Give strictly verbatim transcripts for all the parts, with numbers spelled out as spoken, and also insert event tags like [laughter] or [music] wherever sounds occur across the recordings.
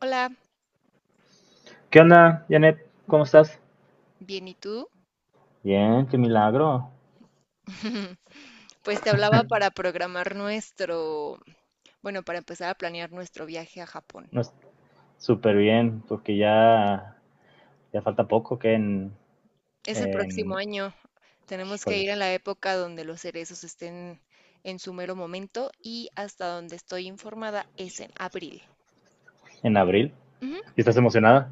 Hola, ¿Qué onda, Janet? ¿Cómo estás? bien, ¿y tú? Bien, qué milagro. [laughs] Pues te hablaba para programar nuestro, bueno, para empezar a planear nuestro viaje a Japón. No es- Súper bien, porque ya, ya falta poco que en, Es el próximo en, año. ay, Tenemos que ir en híjoles, la época donde los cerezos estén en su mero momento y hasta donde estoy informada es en abril. en abril. Ujú. ¿Y estás emocionada?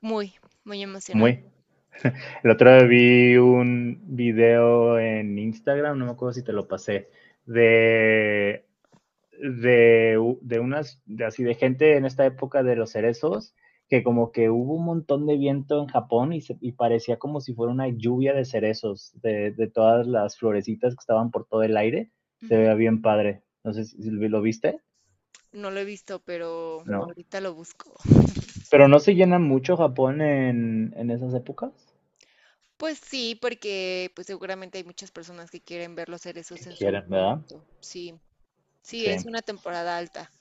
Muy, muy emocionada. Muy. El otro día vi un video en Instagram, no me acuerdo si te lo pasé, de de, de unas, de así de gente en esta época de los cerezos, que como que hubo un montón de viento en Japón y, se, y parecía como si fuera una lluvia de cerezos, de, de, todas las florecitas que estaban por todo el aire. Se Ujú. veía bien padre. No sé si si lo viste. No lo he visto, pero No. ahorita lo busco. Pero no se llena mucho Japón en, en esas épocas. Pues sí, porque pues seguramente hay muchas personas que quieren ver los cerezos Que en su quieren, ¿verdad? momento. Sí, sí, Sí. es una temporada alta.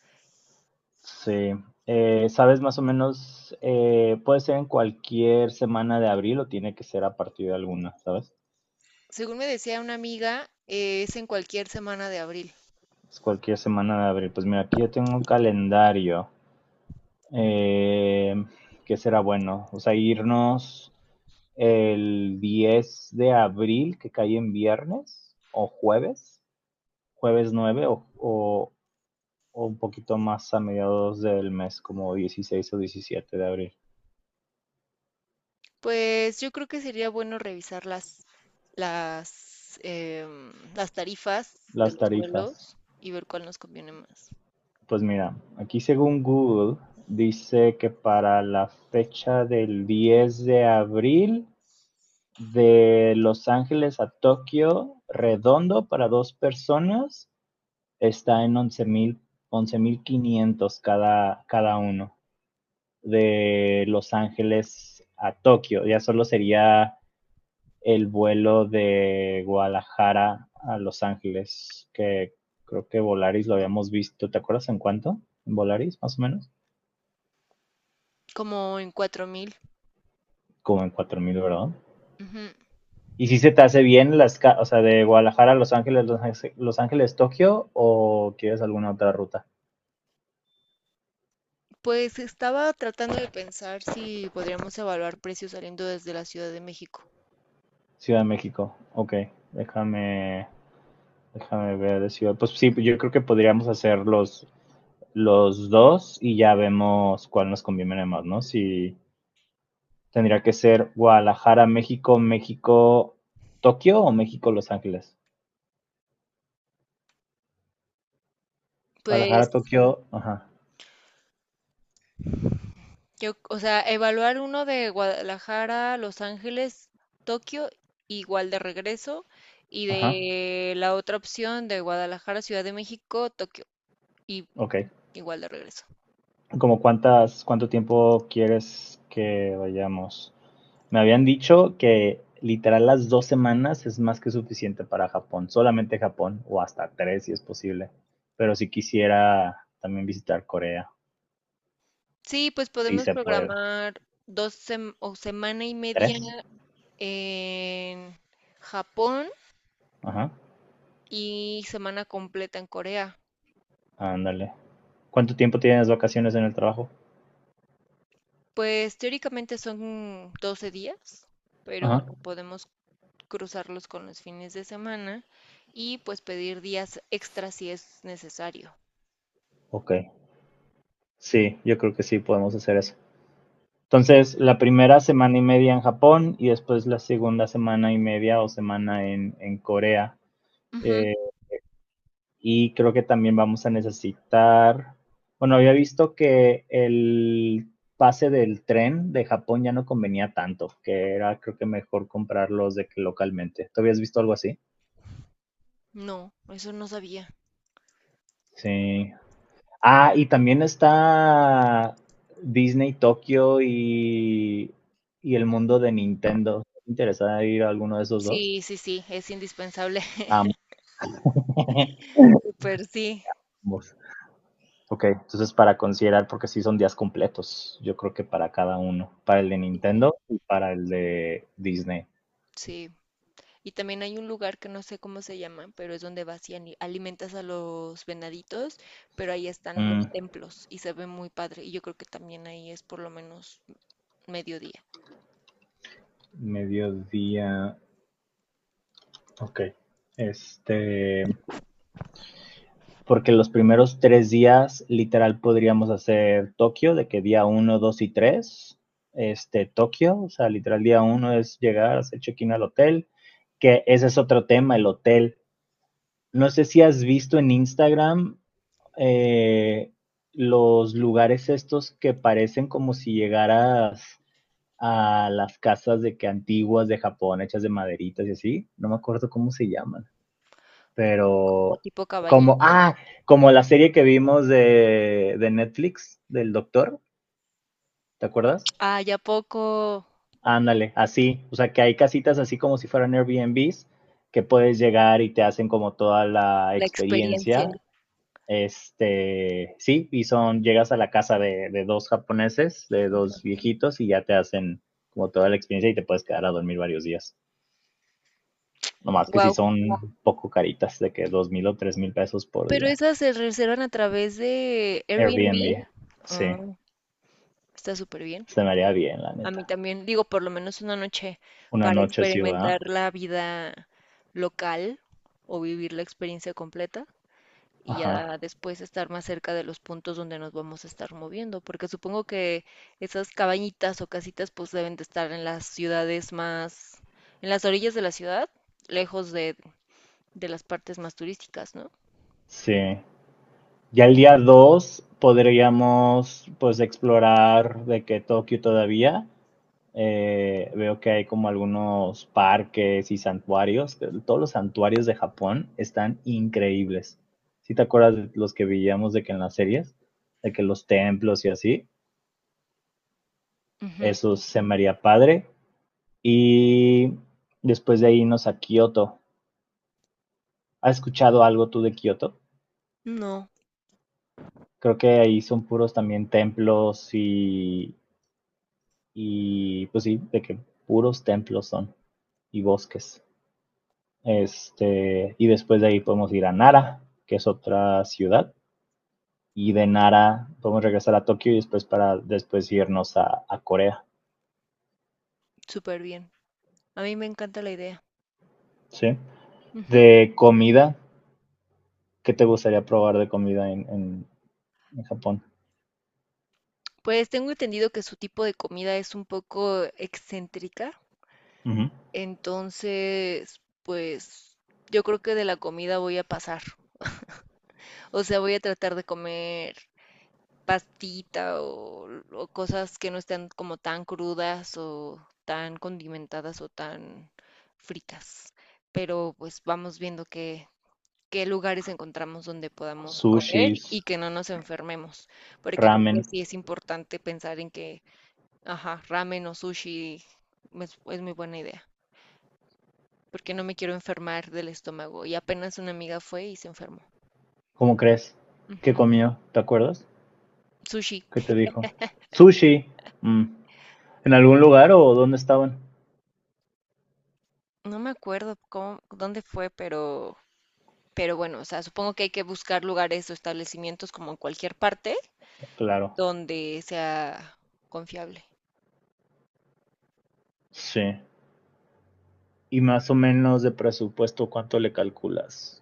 Sí. Eh, ¿Sabes más o menos? Eh, ¿Puede ser en cualquier semana de abril o tiene que ser a partir de alguna, ¿sabes? Según me decía una amiga, eh, es en cualquier semana de abril. Es cualquier semana de abril. Pues mira, aquí yo tengo un calendario. Eh, que será bueno? O sea, irnos el diez de abril, que cae en viernes o jueves, jueves nueve o, o, o un poquito más a mediados del mes, como dieciséis o diecisiete de abril. Pues yo creo que sería bueno revisar las, las, em, las tarifas de Las los tarifas. vuelos y ver cuál nos conviene más. Pues mira, aquí según Google dice que para la fecha del diez de abril de Los Ángeles a Tokio, redondo para dos personas, está en once mil quinientos cada, cada uno. De Los Ángeles a Tokio, ya solo sería el vuelo de Guadalajara a Los Ángeles, que creo que Volaris lo habíamos visto, ¿te acuerdas en cuánto? ¿En Volaris, más o menos? Como en cuatro mil. Como en cuatro mil, ¿verdad? Ujú. ¿Y si se te hace bien las, o sea, de Guadalajara a Los Ángeles, Los Ángeles, Los Ángeles, Tokio o quieres alguna otra ruta? Pues estaba tratando de pensar si podríamos evaluar precios saliendo desde la Ciudad de México. Ciudad de México. Ok, déjame, déjame ver de ciudad. Pues sí, yo creo que podríamos hacer los, los dos y ya vemos cuál nos conviene más, ¿no? Si tendría que ser Guadalajara, México, México, Tokio o México, Los Ángeles. Guadalajara, Pues Tokio, ajá, Yo, o sea, evaluar uno de Guadalajara, Los Ángeles, Tokio, igual de regreso, y ajá, de la otra opción de Guadalajara, Ciudad de México, Tokio, y ok. igual de regreso. Como cuántas, cuánto tiempo quieres que vayamos. Me habían dicho que literal las dos semanas es más que suficiente para Japón, solamente Japón, o hasta tres si es posible. Pero si quisiera también visitar Corea, Sí, pues si podemos se puede. programar dos sem- o semana y media ¿Tres? en Japón Ajá, y semana completa en Corea. ándale. ¿Cuánto tiempo tienes vacaciones en el trabajo? Pues teóricamente son doce días, pero Ajá, bueno, podemos cruzarlos con los fines de semana y pues pedir días extra si es necesario. ok. Sí, yo creo que sí podemos hacer eso. Entonces, la primera semana y media en Japón y después la segunda semana y media o semana en, en Corea. Ujú. Eh, y creo que también vamos a necesitar, bueno, había visto que el pase del tren de Japón ya no convenía tanto, que era creo que mejor comprarlos de que localmente. ¿Tú habías visto algo así? No, eso no sabía. Sí. Ah, y también está Disney Tokio y, y el mundo de Nintendo. ¿Te interesada ir a alguno de esos dos? Sí, sí, sí, es indispensable. [laughs] Ambos. [laughs] Súper, sí, Ambos. Ok, entonces para considerar, porque sí son días completos, yo creo que para cada uno, para el de Nintendo y para el de Disney. sí. Y también hay un lugar que no sé cómo se llama, pero es donde vas y ani- alimentas a los venaditos, pero ahí están los Mm, templos y se ve muy padre. Y yo creo que también ahí es por lo menos mediodía, mediodía, ok. Este, porque los primeros tres días, literal, podríamos hacer Tokio, de que día uno, dos y tres. este, Tokio, o sea, literal, día uno es llegar, hacer check-in al hotel, que ese es otro tema, el hotel. No sé si has visto en Instagram eh, los lugares estos que parecen como si llegaras a las casas de que antiguas de Japón, hechas de maderitas y así, no me acuerdo cómo se llaman, como pero tipo como, cabañita. ah, como la serie que vimos de, de Netflix, del doctor, ¿te acuerdas? Ah, ya poco Ándale, así, o sea que hay casitas así como si fueran Airbnbs que puedes llegar y te hacen como toda la la experiencia. experiencia. Este, sí, y son, llegas a la casa de, de dos japoneses, de dos viejitos, y ya te hacen como toda la experiencia y te puedes quedar a dormir varios días. Nomás que si Guau. sí son un poco caritas, de que dos mil o tres mil pesos por Pero día. esas se reservan a través de Airbnb. Airbnb, Ah, sí, está súper bien. se me haría bien, la A mí neta. también, digo, por lo menos una noche Una para noche ciudad, experimentar la vida local o vivir la experiencia completa y ajá, ya después estar más cerca de los puntos donde nos vamos a estar moviendo, porque supongo que esas cabañitas o casitas pues deben de estar en las ciudades más, en las orillas de la ciudad, lejos de, de las partes más turísticas, ¿no? sí. Ya el día dos podríamos pues explorar de que Tokio todavía. Eh, veo que hay como algunos parques y santuarios. Todos los santuarios de Japón están increíbles. Si te acuerdas de los que veíamos de que en las series, de que los templos y así, Ujú. eso se me haría padre. Y después de ahí irnos a Kioto. ¿Has escuchado algo tú de Kioto? No, Creo que ahí son puros también templos. y Y pues sí, de que puros templos son y bosques. Este, y después de ahí podemos ir a Nara, que es otra ciudad. Y de Nara podemos regresar a Tokio y después para después irnos a, a Corea. súper bien. A mí me encanta la idea. ¿Sí? Ujú. De comida, ¿qué te gustaría probar de comida en, en, en Japón? Pues tengo entendido que su tipo de comida es un poco excéntrica, Uh -huh. entonces, pues yo creo que de la comida voy a pasar. O sea, voy a tratar de comer pastita o, o cosas que no estén como tan crudas o tan condimentadas o tan fritas. Pero pues vamos viendo qué lugares encontramos donde podamos comer Sushis, y que no nos enfermemos, porque creo que ramen. sí es importante pensar en que, ajá, ramen o sushi es, es muy buena idea, porque no me quiero enfermar del estómago. Y apenas una amiga fue y se enfermó. ¿Cómo crees? ¿Qué Ujú. comió? ¿Te acuerdas? Sushi, ¿Qué te dijo? Sushi. Mm. ¿En algún lugar o dónde estaban? no me acuerdo cómo, dónde fue, pero, pero bueno, o sea, supongo que hay que buscar lugares o establecimientos como en cualquier parte Claro. donde sea confiable. Sí. Y más o menos de presupuesto, ¿cuánto le calculas?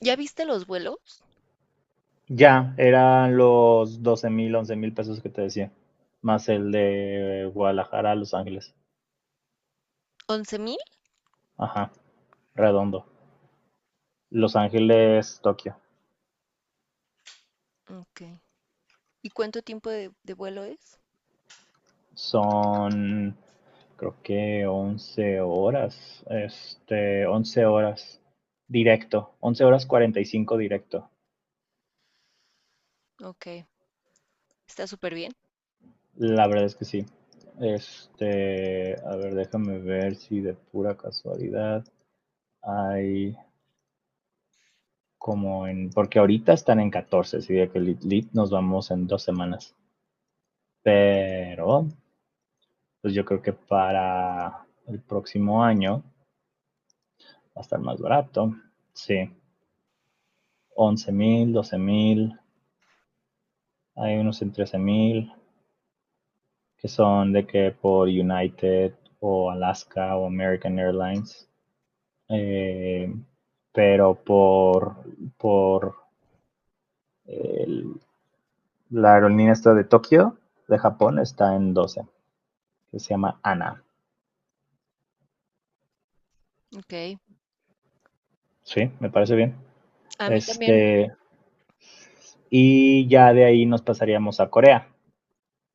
¿Ya viste los vuelos? Ya, eran los doce mil, once mil pesos que te decía. Más el de Guadalajara a Los Ángeles. once mil. Ajá, redondo. Los Ángeles, Tokio. Ok. ¿Y cuánto tiempo de, de vuelo es? Son, creo que once horas. Este, once horas directo. Once horas cuarenta y cinco directo. Ok, está súper bien. La verdad es que sí. Este, a ver, déjame ver si de pura casualidad. Hay como en, porque ahorita están en catorce, sería que Elite League nos vamos en dos semanas. Pero, pues yo creo que para el próximo año va a estar más barato. Sí, once mil, doce mil, hay unos en trece mil, que son de que por United o Alaska o American Airlines. Eh, pero por, por el- la aerolínea esta de Tokio, de Japón, está en doce. Que se llama Ana. Ok, Sí, me parece bien. a mí también. Este, y ya de ahí nos pasaríamos a Corea,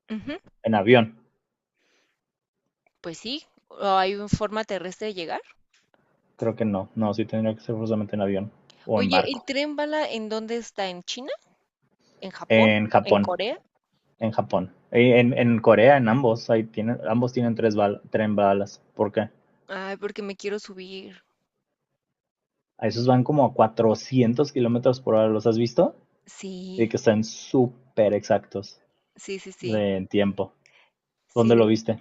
Ujú. en avión. Pues sí, ¿o hay una forma terrestre de llegar? Creo que no, no, sí tendría que ser forzosamente en avión o en Oye, ¿el barco. tren bala en dónde está? ¿En China? ¿En Japón? En ¿En Japón, Corea? en Japón. Eh, En, en Corea, en ambos, ahí tienen, ambos tienen, tres bal, tren balas. ¿Por qué? Ay, porque me quiero subir. A esos van como a cuatrocientos kilómetros por hora, ¿los has visto? Y Sí, que están súper exactos sí, sí, sí, de, tiempo. ¿Dónde lo sí. viste?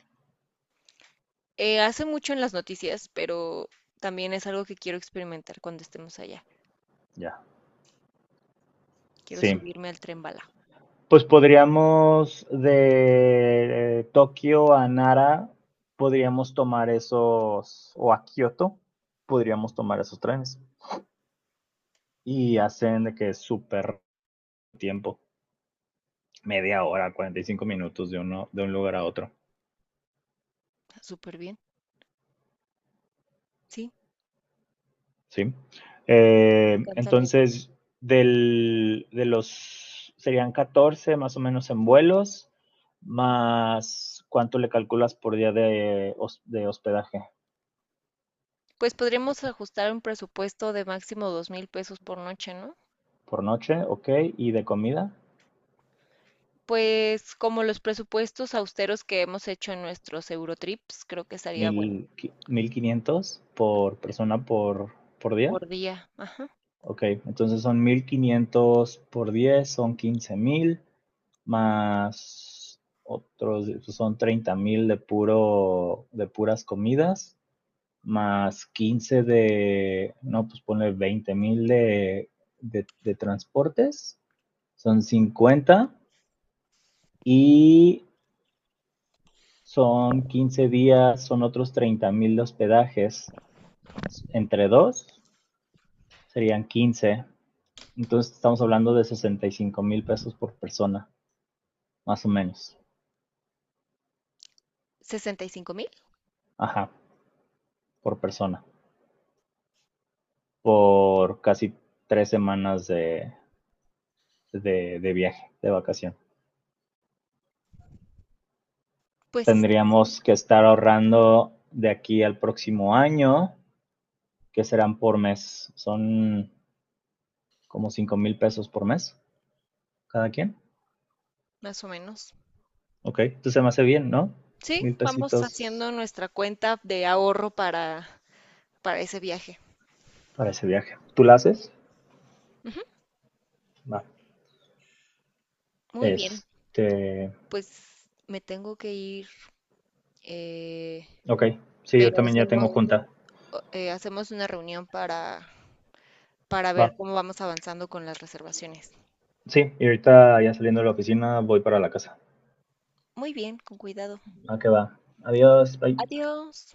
Eh, hace mucho en las noticias, pero también es algo que quiero experimentar cuando estemos allá. Ya. Quiero Sí. subirme al tren bala. Pues podríamos de eh, Tokio a Nara, podríamos tomar esos, o a Kioto, podríamos tomar esos trenes. Y hacen de que es súper tiempo, media hora, cuarenta y cinco minutos de, uno, de un lugar a otro, Súper bien. Sí, ¿sí? me Eh, encanta la idea. entonces, del, de los, serían catorce más o menos en vuelos, más cuánto le calculas por día de, de hospedaje. Pues podríamos ajustar un presupuesto de máximo dos mil pesos por noche, ¿no? Por noche, ok, y de comida, Pues como los presupuestos austeros que hemos hecho en nuestros Eurotrips, creo que estaría bueno mil quinientos por persona por, por día, por día. Ajá. ok, entonces son mil quinientos por diez son quince mil más otros, pues son treinta mil de puro, de puras comidas, más quince de, no, pues ponle veinte mil de, de, de transportes, son cincuenta y son quince días, son otros treinta mil de hospedajes, entre dos serían quince. Entonces estamos hablando de sesenta y cinco mil pesos por persona, más o menos. ¿Sesenta y cinco mil? Ajá, por persona. Por casi tres semanas de, de, de viaje, de vacación. Pues sí, Tendríamos que estar ahorrando de aquí al próximo año, que serán por mes. Son como cinco mil pesos por mes, cada quien. más o menos. Ok, entonces se me hace bien, ¿no? Sí, Mil vamos pesitos haciendo nuestra cuenta de ahorro para, para ese viaje. para ese viaje. ¿Tú la haces? Va. Muy bien, Este, pues me tengo que ir, eh, ok. Sí, yo pero también ya tengo hacemos, junta. eh, hacemos una reunión para, para ver Va. cómo vamos avanzando con las reservaciones. Sí, y ahorita ya saliendo de la oficina voy para la casa. Muy bien, con cuidado. Ah, que va. Adiós. Bye. Adiós.